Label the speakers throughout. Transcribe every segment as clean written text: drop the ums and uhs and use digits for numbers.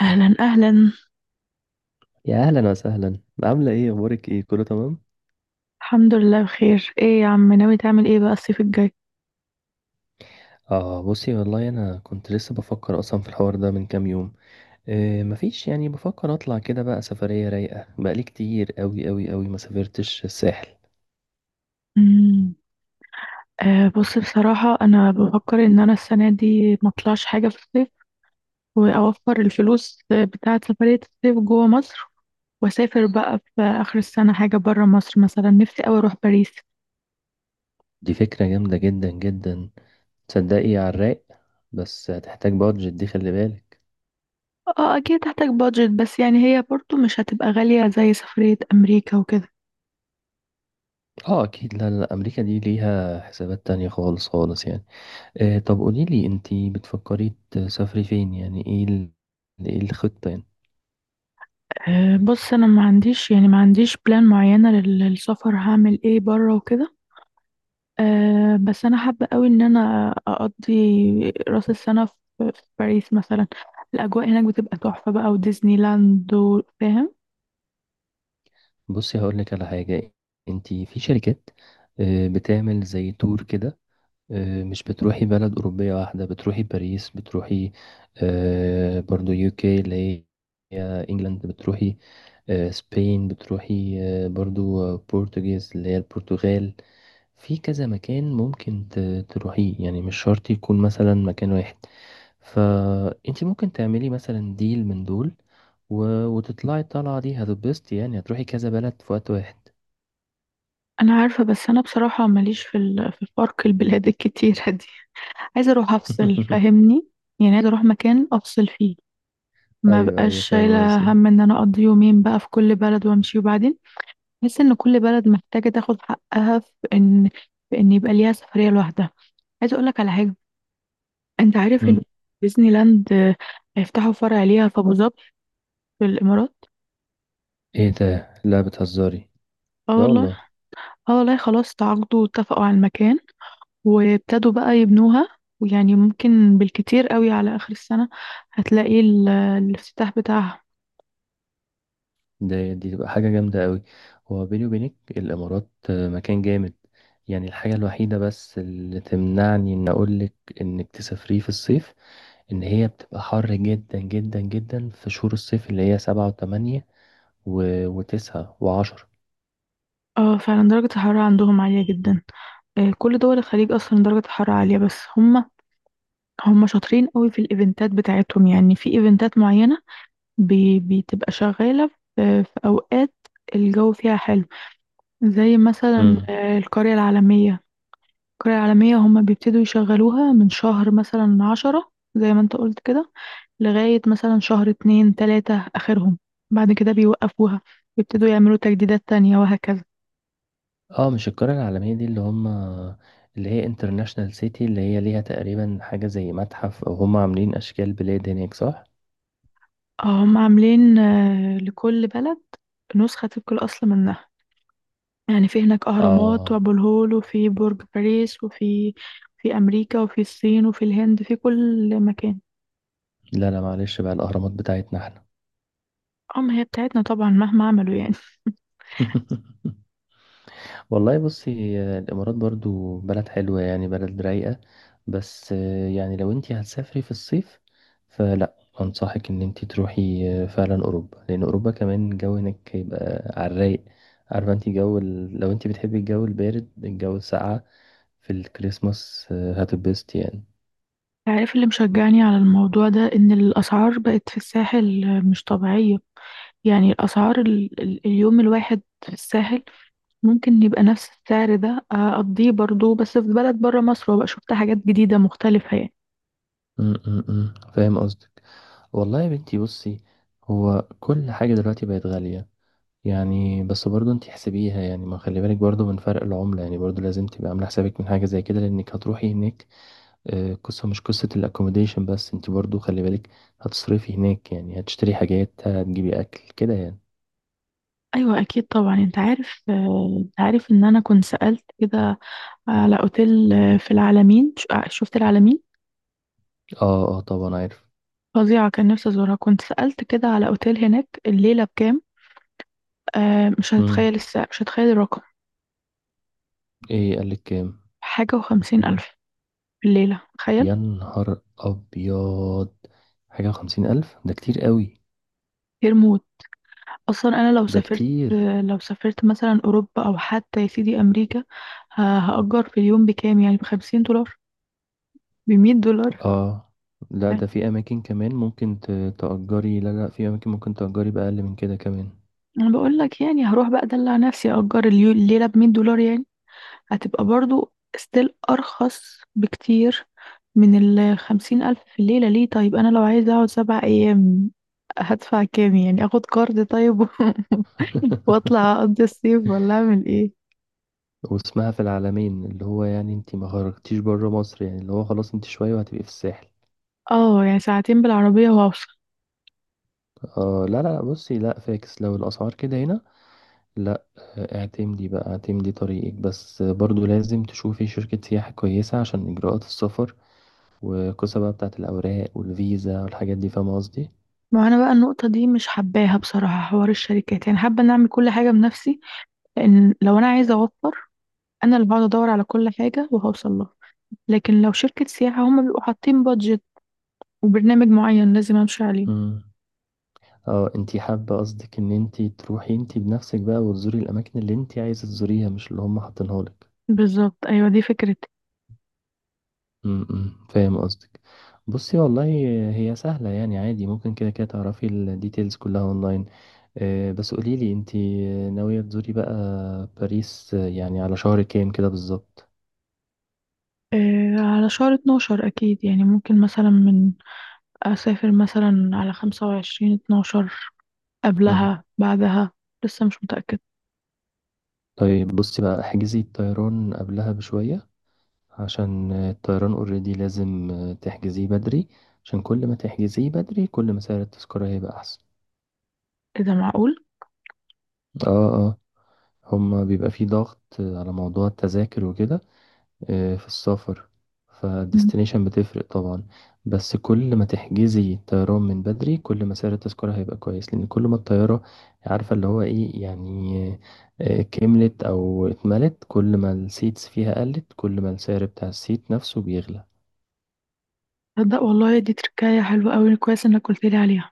Speaker 1: اهلا اهلا.
Speaker 2: يا اهلا وسهلا. عامله ايه، اخبارك، ايه كله تمام؟
Speaker 1: الحمد لله، بخير. ايه يا عم، ناوي تعمل ايه بقى الصيف الجاي؟
Speaker 2: اه بصي، والله انا كنت لسه بفكر اصلا في الحوار ده من كام يوم. إيه، مفيش يعني، بفكر اطلع كده بقى سفريه رايقه، بقالي كتير قوي قوي قوي ما سافرتش الساحل.
Speaker 1: امم. بص، بصراحة انا بفكر ان انا السنة دي ما اطلعش حاجة في الصيف، واوفر الفلوس بتاعة سفرية الصيف جوه مصر، واسافر بقى في اخر السنة حاجة برا مصر، مثلا نفسي اوي اروح باريس.
Speaker 2: دي فكره جامده جدا جدا، تصدقي على الرايق. بس هتحتاج بادجت، دي خلي بالك.
Speaker 1: اه اكيد هحتاج بادجت، بس يعني هي برضو مش هتبقى غالية زي سفرية امريكا وكده.
Speaker 2: اه اكيد، لا لا امريكا دي ليها حسابات تانية خالص خالص يعني. إيه، طب قوليلي انتي بتفكري تسافري فين يعني، ايه الخطه يعني.
Speaker 1: بص، انا ما عنديش، يعني ما عنديش بلان معينة للسفر، هعمل ايه برا وكده. بس انا حابه قوي ان انا اقضي راس السنه في باريس مثلا. الاجواء هناك بتبقى تحفه بقى، وديزني لاند فاهم.
Speaker 2: بصي هقول لك على حاجة، انت في شركات بتعمل زي تور كده، مش بتروحي بلد أوروبية واحدة، بتروحي باريس، بتروحي برضو يوكي اللي هي انجلاند، بتروحي سبين، بتروحي برضو بورتوجيز اللي هي البرتغال. في كذا مكان ممكن تروحيه، يعني مش شرط يكون مثلا مكان واحد. فانت ممكن تعملي مثلا ديل من دول و- وتطلعي الطلعة دي، هتتبسطي، يعني هتروحي كذا بلد في وقت واحد.
Speaker 1: انا عارفه، بس انا بصراحه ماليش في في الفرق البلاد الكتيره دي. عايزه اروح افصل، فاهمني؟ يعني عايزه اروح مكان افصل فيه، ما
Speaker 2: ايوه
Speaker 1: بقاش
Speaker 2: ايوه، فاهم
Speaker 1: شايله
Speaker 2: قصدي.
Speaker 1: هم ان انا اقضي يومين بقى في كل بلد وامشي وبعدين. بحس ان كل بلد محتاجه تاخد حقها في ان يبقى ليها سفريه لوحدها. عايزه اقول لك على حاجه، انت عارف
Speaker 2: مم.
Speaker 1: ان ديزني لاند هيفتحوا فرع ليها في ابو ظبي، في الامارات.
Speaker 2: ايه ده، لا بتهزري.
Speaker 1: اه
Speaker 2: لا
Speaker 1: والله.
Speaker 2: والله.
Speaker 1: اه والله، خلاص تعاقدوا واتفقوا على المكان، وابتدوا بقى يبنوها، ويعني ممكن بالكتير قوي على اخر السنة هتلاقي الافتتاح بتاعها.
Speaker 2: دي تبقى حاجه جامده قوي. هو بيني وبينك الامارات مكان جامد، يعني الحاجه الوحيده بس اللي تمنعني ان اقولك انك تسافريه في الصيف، ان هي بتبقى حر جدا جدا جدا في شهور الصيف اللي هي سبعة وثمانية و... وتسعة وعشرة.
Speaker 1: اه فعلا درجة الحرارة عندهم عالية جدا. كل دول الخليج اصلا درجة الحرارة عالية، بس هم شاطرين قوي في الايفنتات بتاعتهم، يعني في ايفنتات معينة بتبقى شغالة في في اوقات الجو فيها حلو، زي مثلا القرية العالمية. القرية العالمية هما بيبتدوا يشغلوها من شهر مثلا 10، زي ما انت قلت كده، لغاية مثلا شهر اتنين تلاتة آخرهم، بعد كده بيوقفوها، بيبتدوا يعملوا تجديدات تانية وهكذا.
Speaker 2: اه مش القرية العالمية دي اللي هم اللي هي انترناشنال سيتي، اللي هي ليها تقريبا حاجة زي متحف او هم عاملين اشكال بلاد هناك، صح؟
Speaker 1: هم عاملين لكل بلد نسخة طبق الأصل منها، يعني في هناك أهرامات
Speaker 2: اه
Speaker 1: وأبو الهول، وفي برج باريس، وفي أمريكا وفي الصين وفي الهند، في كل مكان.
Speaker 2: لا لا معلش بقى، الاهرامات بتاعتنا احنا.
Speaker 1: هي بتاعتنا طبعا مهما عملوا، يعني.
Speaker 2: والله بصي، الامارات برضو بلد حلوة، يعني بلد رايقة، بس يعني لو انتي هتسافري في الصيف فلا، انصحك ان انتي تروحي فعلا اوروبا، لان اوروبا كمان الجو هناك هيبقى على الرايق. عارفة انتي جو لو انتي بتحبي الجو البارد، الجو الساقعة في الكريسماس، هتتبسط يعني.
Speaker 1: عارف اللي مشجعني على الموضوع ده إن الأسعار بقت في الساحل مش طبيعية، يعني الأسعار اليوم الواحد في الساحل ممكن يبقى نفس السعر ده أقضيه برضو بس في بلد برا مصر، وبقى شفت حاجات جديدة مختلفة يعني.
Speaker 2: م- م- م. فاهم قصدك. والله يا بنتي بصي، هو كل حاجة دلوقتي بقت غالية، يعني بس برضه انت حسبيها، يعني ما خلي بالك برضه من فرق العملة، يعني برضه لازم تبقى عاملة حسابك من حاجة زي كده لأنك هتروحي هناك. قصة مش قصة الأكوموديشن بس، انت برضه خلي بالك هتصرفي هناك، يعني هتشتري حاجات، هتجيبي أكل كده يعني.
Speaker 1: أيوة أكيد طبعا. أنت عارف، أنت عارف إن أنا كنت سألت كده على أوتيل في العلمين، شفت العلمين
Speaker 2: اه اه طبعا عارف.
Speaker 1: فظيعة، كان نفسي أزورها. كنت سألت كده على أوتيل هناك الليلة بكام. مش
Speaker 2: مم.
Speaker 1: هتتخيل السعر، مش هتتخيل الرقم.
Speaker 2: ايه قالك كام؟
Speaker 1: حاجة وخمسين ألف في الليلة، تخيل.
Speaker 2: يا نهار أبيض، حاجة وخمسين ألف؟ ده كتير قوي.
Speaker 1: غير موت. أصلا أنا لو
Speaker 2: ده
Speaker 1: سافرت
Speaker 2: كتير.
Speaker 1: لو سافرت مثلا أوروبا أو حتى يا سيدي أمريكا، هأجر في اليوم بكام، يعني بخمسين دولار، بمية دولار
Speaker 2: اه لا،
Speaker 1: يعني.
Speaker 2: ده في اماكن كمان ممكن تأجري، لا لا، في اماكن ممكن تأجري بأقل من كده كمان.
Speaker 1: أنا بقول لك يعني هروح بقى أدلع نفسي، أجر الليلة بمية دولار يعني، هتبقى برضو ستيل أرخص بكتير من الخمسين ألف في الليلة. ليه؟ طيب أنا لو عايزة أقعد 7 أيام هدفع كام، يعني أخد قرض طيب وأطلع أقضي الصيف، ولا أعمل إيه؟
Speaker 2: واسمها في العالمين، اللي هو يعني انت ما خرجتيش بره مصر، يعني اللي هو خلاص انت شوية وهتبقي في الساحل.
Speaker 1: اه يعني ساعتين بالعربية واوصل.
Speaker 2: اه لا لا بصي، لا فاكس لو الاسعار كده هنا. لا. اعتمدي بقى، اعتمدي طريقك بس، برضو لازم تشوفي شركة سياحة كويسة عشان اجراءات السفر والقصة بقى بتاعت الاوراق والفيزا والحاجات دي، فاهمة
Speaker 1: ما انا بقى النقطة دي مش حباها بصراحة، حوار الشركات. يعني حابة ان اعمل كل حاجة بنفسي، لان لو انا عايزة اوفر، انا اللي هقعد ادور على كل حاجة وهوصل لها، لكن لو شركة سياحة هما بيبقوا حاطين بادجت وبرنامج معين لازم امشي عليه.
Speaker 2: قصدي. اه انتي حابة، قصدك ان انتي تروحي انتي بنفسك بقى، وتزوري الاماكن اللي انتي عايزة تزوريها مش اللي هم حاطينها لك.
Speaker 1: بالظبط، ايوه، دي فكرتي.
Speaker 2: امم، فاهم قصدك. بصي والله، هي سهلة يعني، عادي ممكن كده كده تعرفي الديتيلز كلها اونلاين. بس قوليلي انتي ناوية تزوري بقى باريس يعني على شهر كام كده بالظبط؟
Speaker 1: آه على شهر 12 اكيد، يعني ممكن مثلا من اسافر مثلا على 25 12،
Speaker 2: مم.
Speaker 1: قبلها بعدها، لسه مش متأكد.
Speaker 2: طيب بصي بقى، احجزي الطيران قبلها بشوية، عشان الطيران اوريدي لازم تحجزيه بدري، عشان كل ما تحجزيه بدري كل ما سعر التذكرة هيبقى أحسن.
Speaker 1: اذا معقول.
Speaker 2: اه اه، هما بيبقى في ضغط على موضوع التذاكر وكده في السفر، فالديستنيشن بتفرق طبعا، بس كل ما تحجزي الطيران من بدري كل ما سعر التذكرة هيبقى كويس، لأن كل ما الطيارة، عارفة اللي هو ايه يعني، كملت أو اتملت، كل ما السيتس فيها قلت كل ما السعر بتاع السيت نفسه بيغلى.
Speaker 1: تصدق والله دي تركاية حلوة أوي، كويس إنك قلت لي عليها.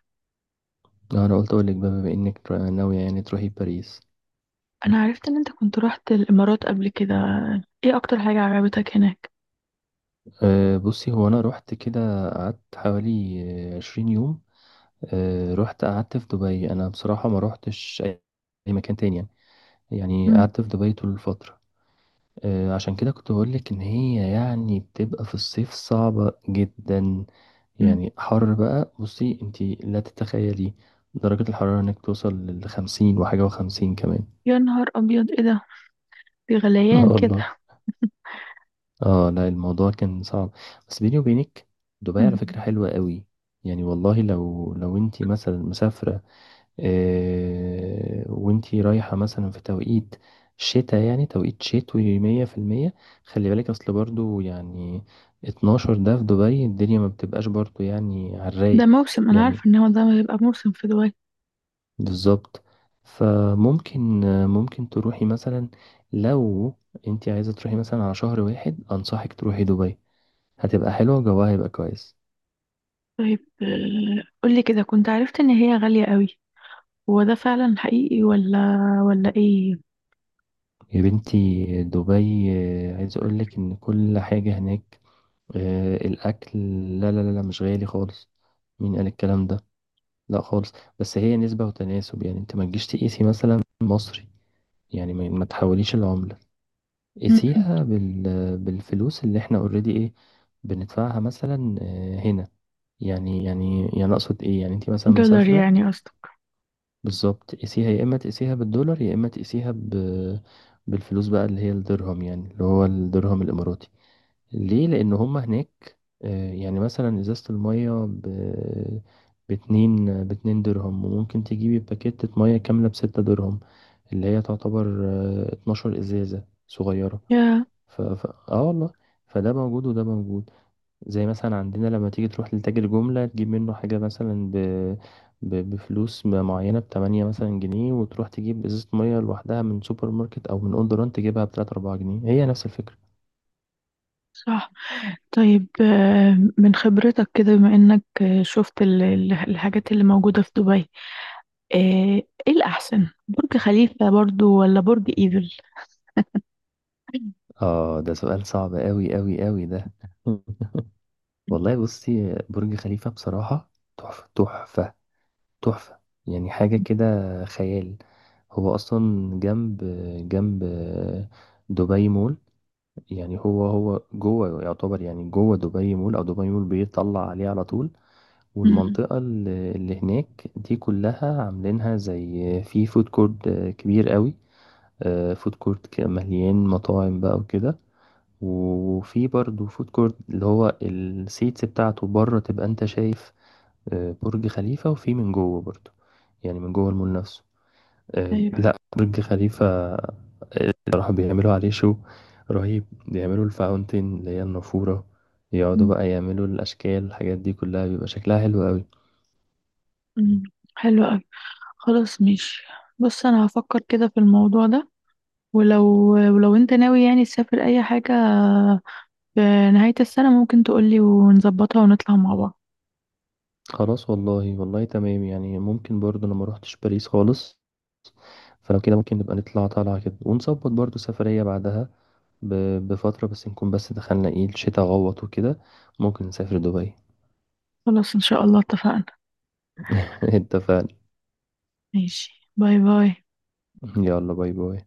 Speaker 2: أنا قلت أقولك بقى بما إنك ناوية يعني تروحي باريس.
Speaker 1: أنا عرفت إن أنت كنت رحت الإمارات قبل كده، إيه أكتر حاجة عجبتك هناك؟
Speaker 2: بصي، هو أنا روحت كده، قعدت حوالي عشرين يوم. رحت قعدت في دبي، انا بصراحه ما روحتش اي أي مكان تاني يعني، يعني
Speaker 1: مم.
Speaker 2: قعدت في دبي طول الفتره. عشان كده كنت بقول لك ان هي يعني بتبقى في الصيف صعبه جدا،
Speaker 1: مم.
Speaker 2: يعني حر بقى، بصي انتي لا تتخيلي درجه الحراره، انك توصل لخمسين وحاجه وخمسين كمان.
Speaker 1: يا نهار أبيض، إيه ده، في
Speaker 2: اه
Speaker 1: غليان كده.
Speaker 2: والله. اه لا، الموضوع كان صعب. بس بيني وبينك، دبي على
Speaker 1: مم.
Speaker 2: فكره حلوه قوي. يعني والله لو انتي مثلا مسافره، وانتي رايحة مثلا في توقيت شتاء، يعني توقيت شتوي مية في المية، خلي بالك اصل، برضو يعني اتناشر ده في دبي الدنيا ما بتبقاش برضو يعني على
Speaker 1: ده
Speaker 2: الرايق،
Speaker 1: موسم، أنا عارفة
Speaker 2: يعني
Speaker 1: إن هو ده هيبقى موسم في دبي.
Speaker 2: بالظبط. فممكن ممكن تروحي مثلا، لو انتي عايزة تروحي مثلا على شهر واحد، انصحك تروحي دبي، هتبقى حلوة، جوها هيبقى كويس.
Speaker 1: طيب قولي كده، كنت عرفت إن هي غالية أوي، هو ده فعلا حقيقي ولا إيه؟
Speaker 2: يا بنتي دبي، عايز اقولك ان كل حاجة هناك، الأكل، لا لا لا لا، مش غالي خالص، مين قال الكلام ده، لا خالص. بس هي نسبة وتناسب، يعني انت ما تجيش تقيسي مثلا مصري، يعني ما تحوليش العملة،
Speaker 1: مم.
Speaker 2: قيسيها بالفلوس اللي احنا اوريدي ايه بندفعها مثلا هنا، يعني اقصد ايه يعني، انت مثلا
Speaker 1: دولار
Speaker 2: مسافرة،
Speaker 1: يعني قصدك؟
Speaker 2: بالظبط قيسيها، يا اما تقيسيها بالدولار يا اما تقيسيها بالفلوس بقى اللي هي الدرهم، يعني اللي هو الدرهم الاماراتي. ليه؟ لان هم هناك يعني مثلا ازازة المية باتنين درهم، وممكن تجيبي باكيتة مية كاملة بستة درهم، اللي هي تعتبر 12 ازازة صغيرة.
Speaker 1: يا
Speaker 2: اه والله، فده موجود وده موجود، زي مثلا عندنا لما تيجي تروح لتاجر جملة تجيب منه حاجة مثلا بفلوس معينة، بتمانية مثلا جنيه، وتروح تجيب ازازة مية لوحدها من سوبر ماركت او من اون دوران تجيبها بتلاتة اربعة جنيه، هي نفس الفكرة.
Speaker 1: صح. طيب من خبرتك كده بما إنك شفت الحاجات اللي موجودة في دبي، ايه إيه الاحسن، برج خليفة برضو ولا برج ايفل؟
Speaker 2: اه ده سؤال صعب قوي قوي قوي ده. والله بصي، برج خليفة بصراحة، تحفة تحفة تحفة، يعني حاجة كده خيال. هو أصلا جنب جنب دبي مول، يعني هو جوه، يعتبر يعني جوه دبي مول، أو دبي مول بيطلع عليه على طول.
Speaker 1: أمم.
Speaker 2: والمنطقة اللي هناك دي كلها عاملينها زي في فود كورت كبير قوي، فود كورت مليان مطاعم بقى وكده. وفي برضه فود كورت اللي هو السيتس بتاعته بره، تبقى انت شايف برج خليفة، وفي من جوه برضه، يعني من جوه المول نفسه
Speaker 1: ايوه.
Speaker 2: لا برج خليفة، بصراحة بيعملوا عليه شو رهيب، بيعملوا الفاونتين اللي هي النافورة، يقعدوا
Speaker 1: أمم.
Speaker 2: بقى يعملوا الأشكال الحاجات دي كلها، بيبقى شكلها حلو قوي.
Speaker 1: أمم. حلو قوي. خلاص ماشي. بص انا هفكر كده في الموضوع ده، ولو انت ناوي يعني تسافر اي حاجة في نهاية السنة ممكن تقولي ونظبطها ونطلع مع بعض.
Speaker 2: خلاص والله، والله تمام يعني، ممكن برضه، أنا ما روحتش باريس خالص، فلو كده ممكن نبقى نطلع طالعة كده، ونظبط برضه سفرية بعدها بفترة، بس نكون بس دخلنا ايه الشتاء غوط وكده، ممكن نسافر دبي.
Speaker 1: خلاص ان شاء الله، اتفقنا.
Speaker 2: اتفقنا.
Speaker 1: ماشي، باي باي.
Speaker 2: يلا باي باي.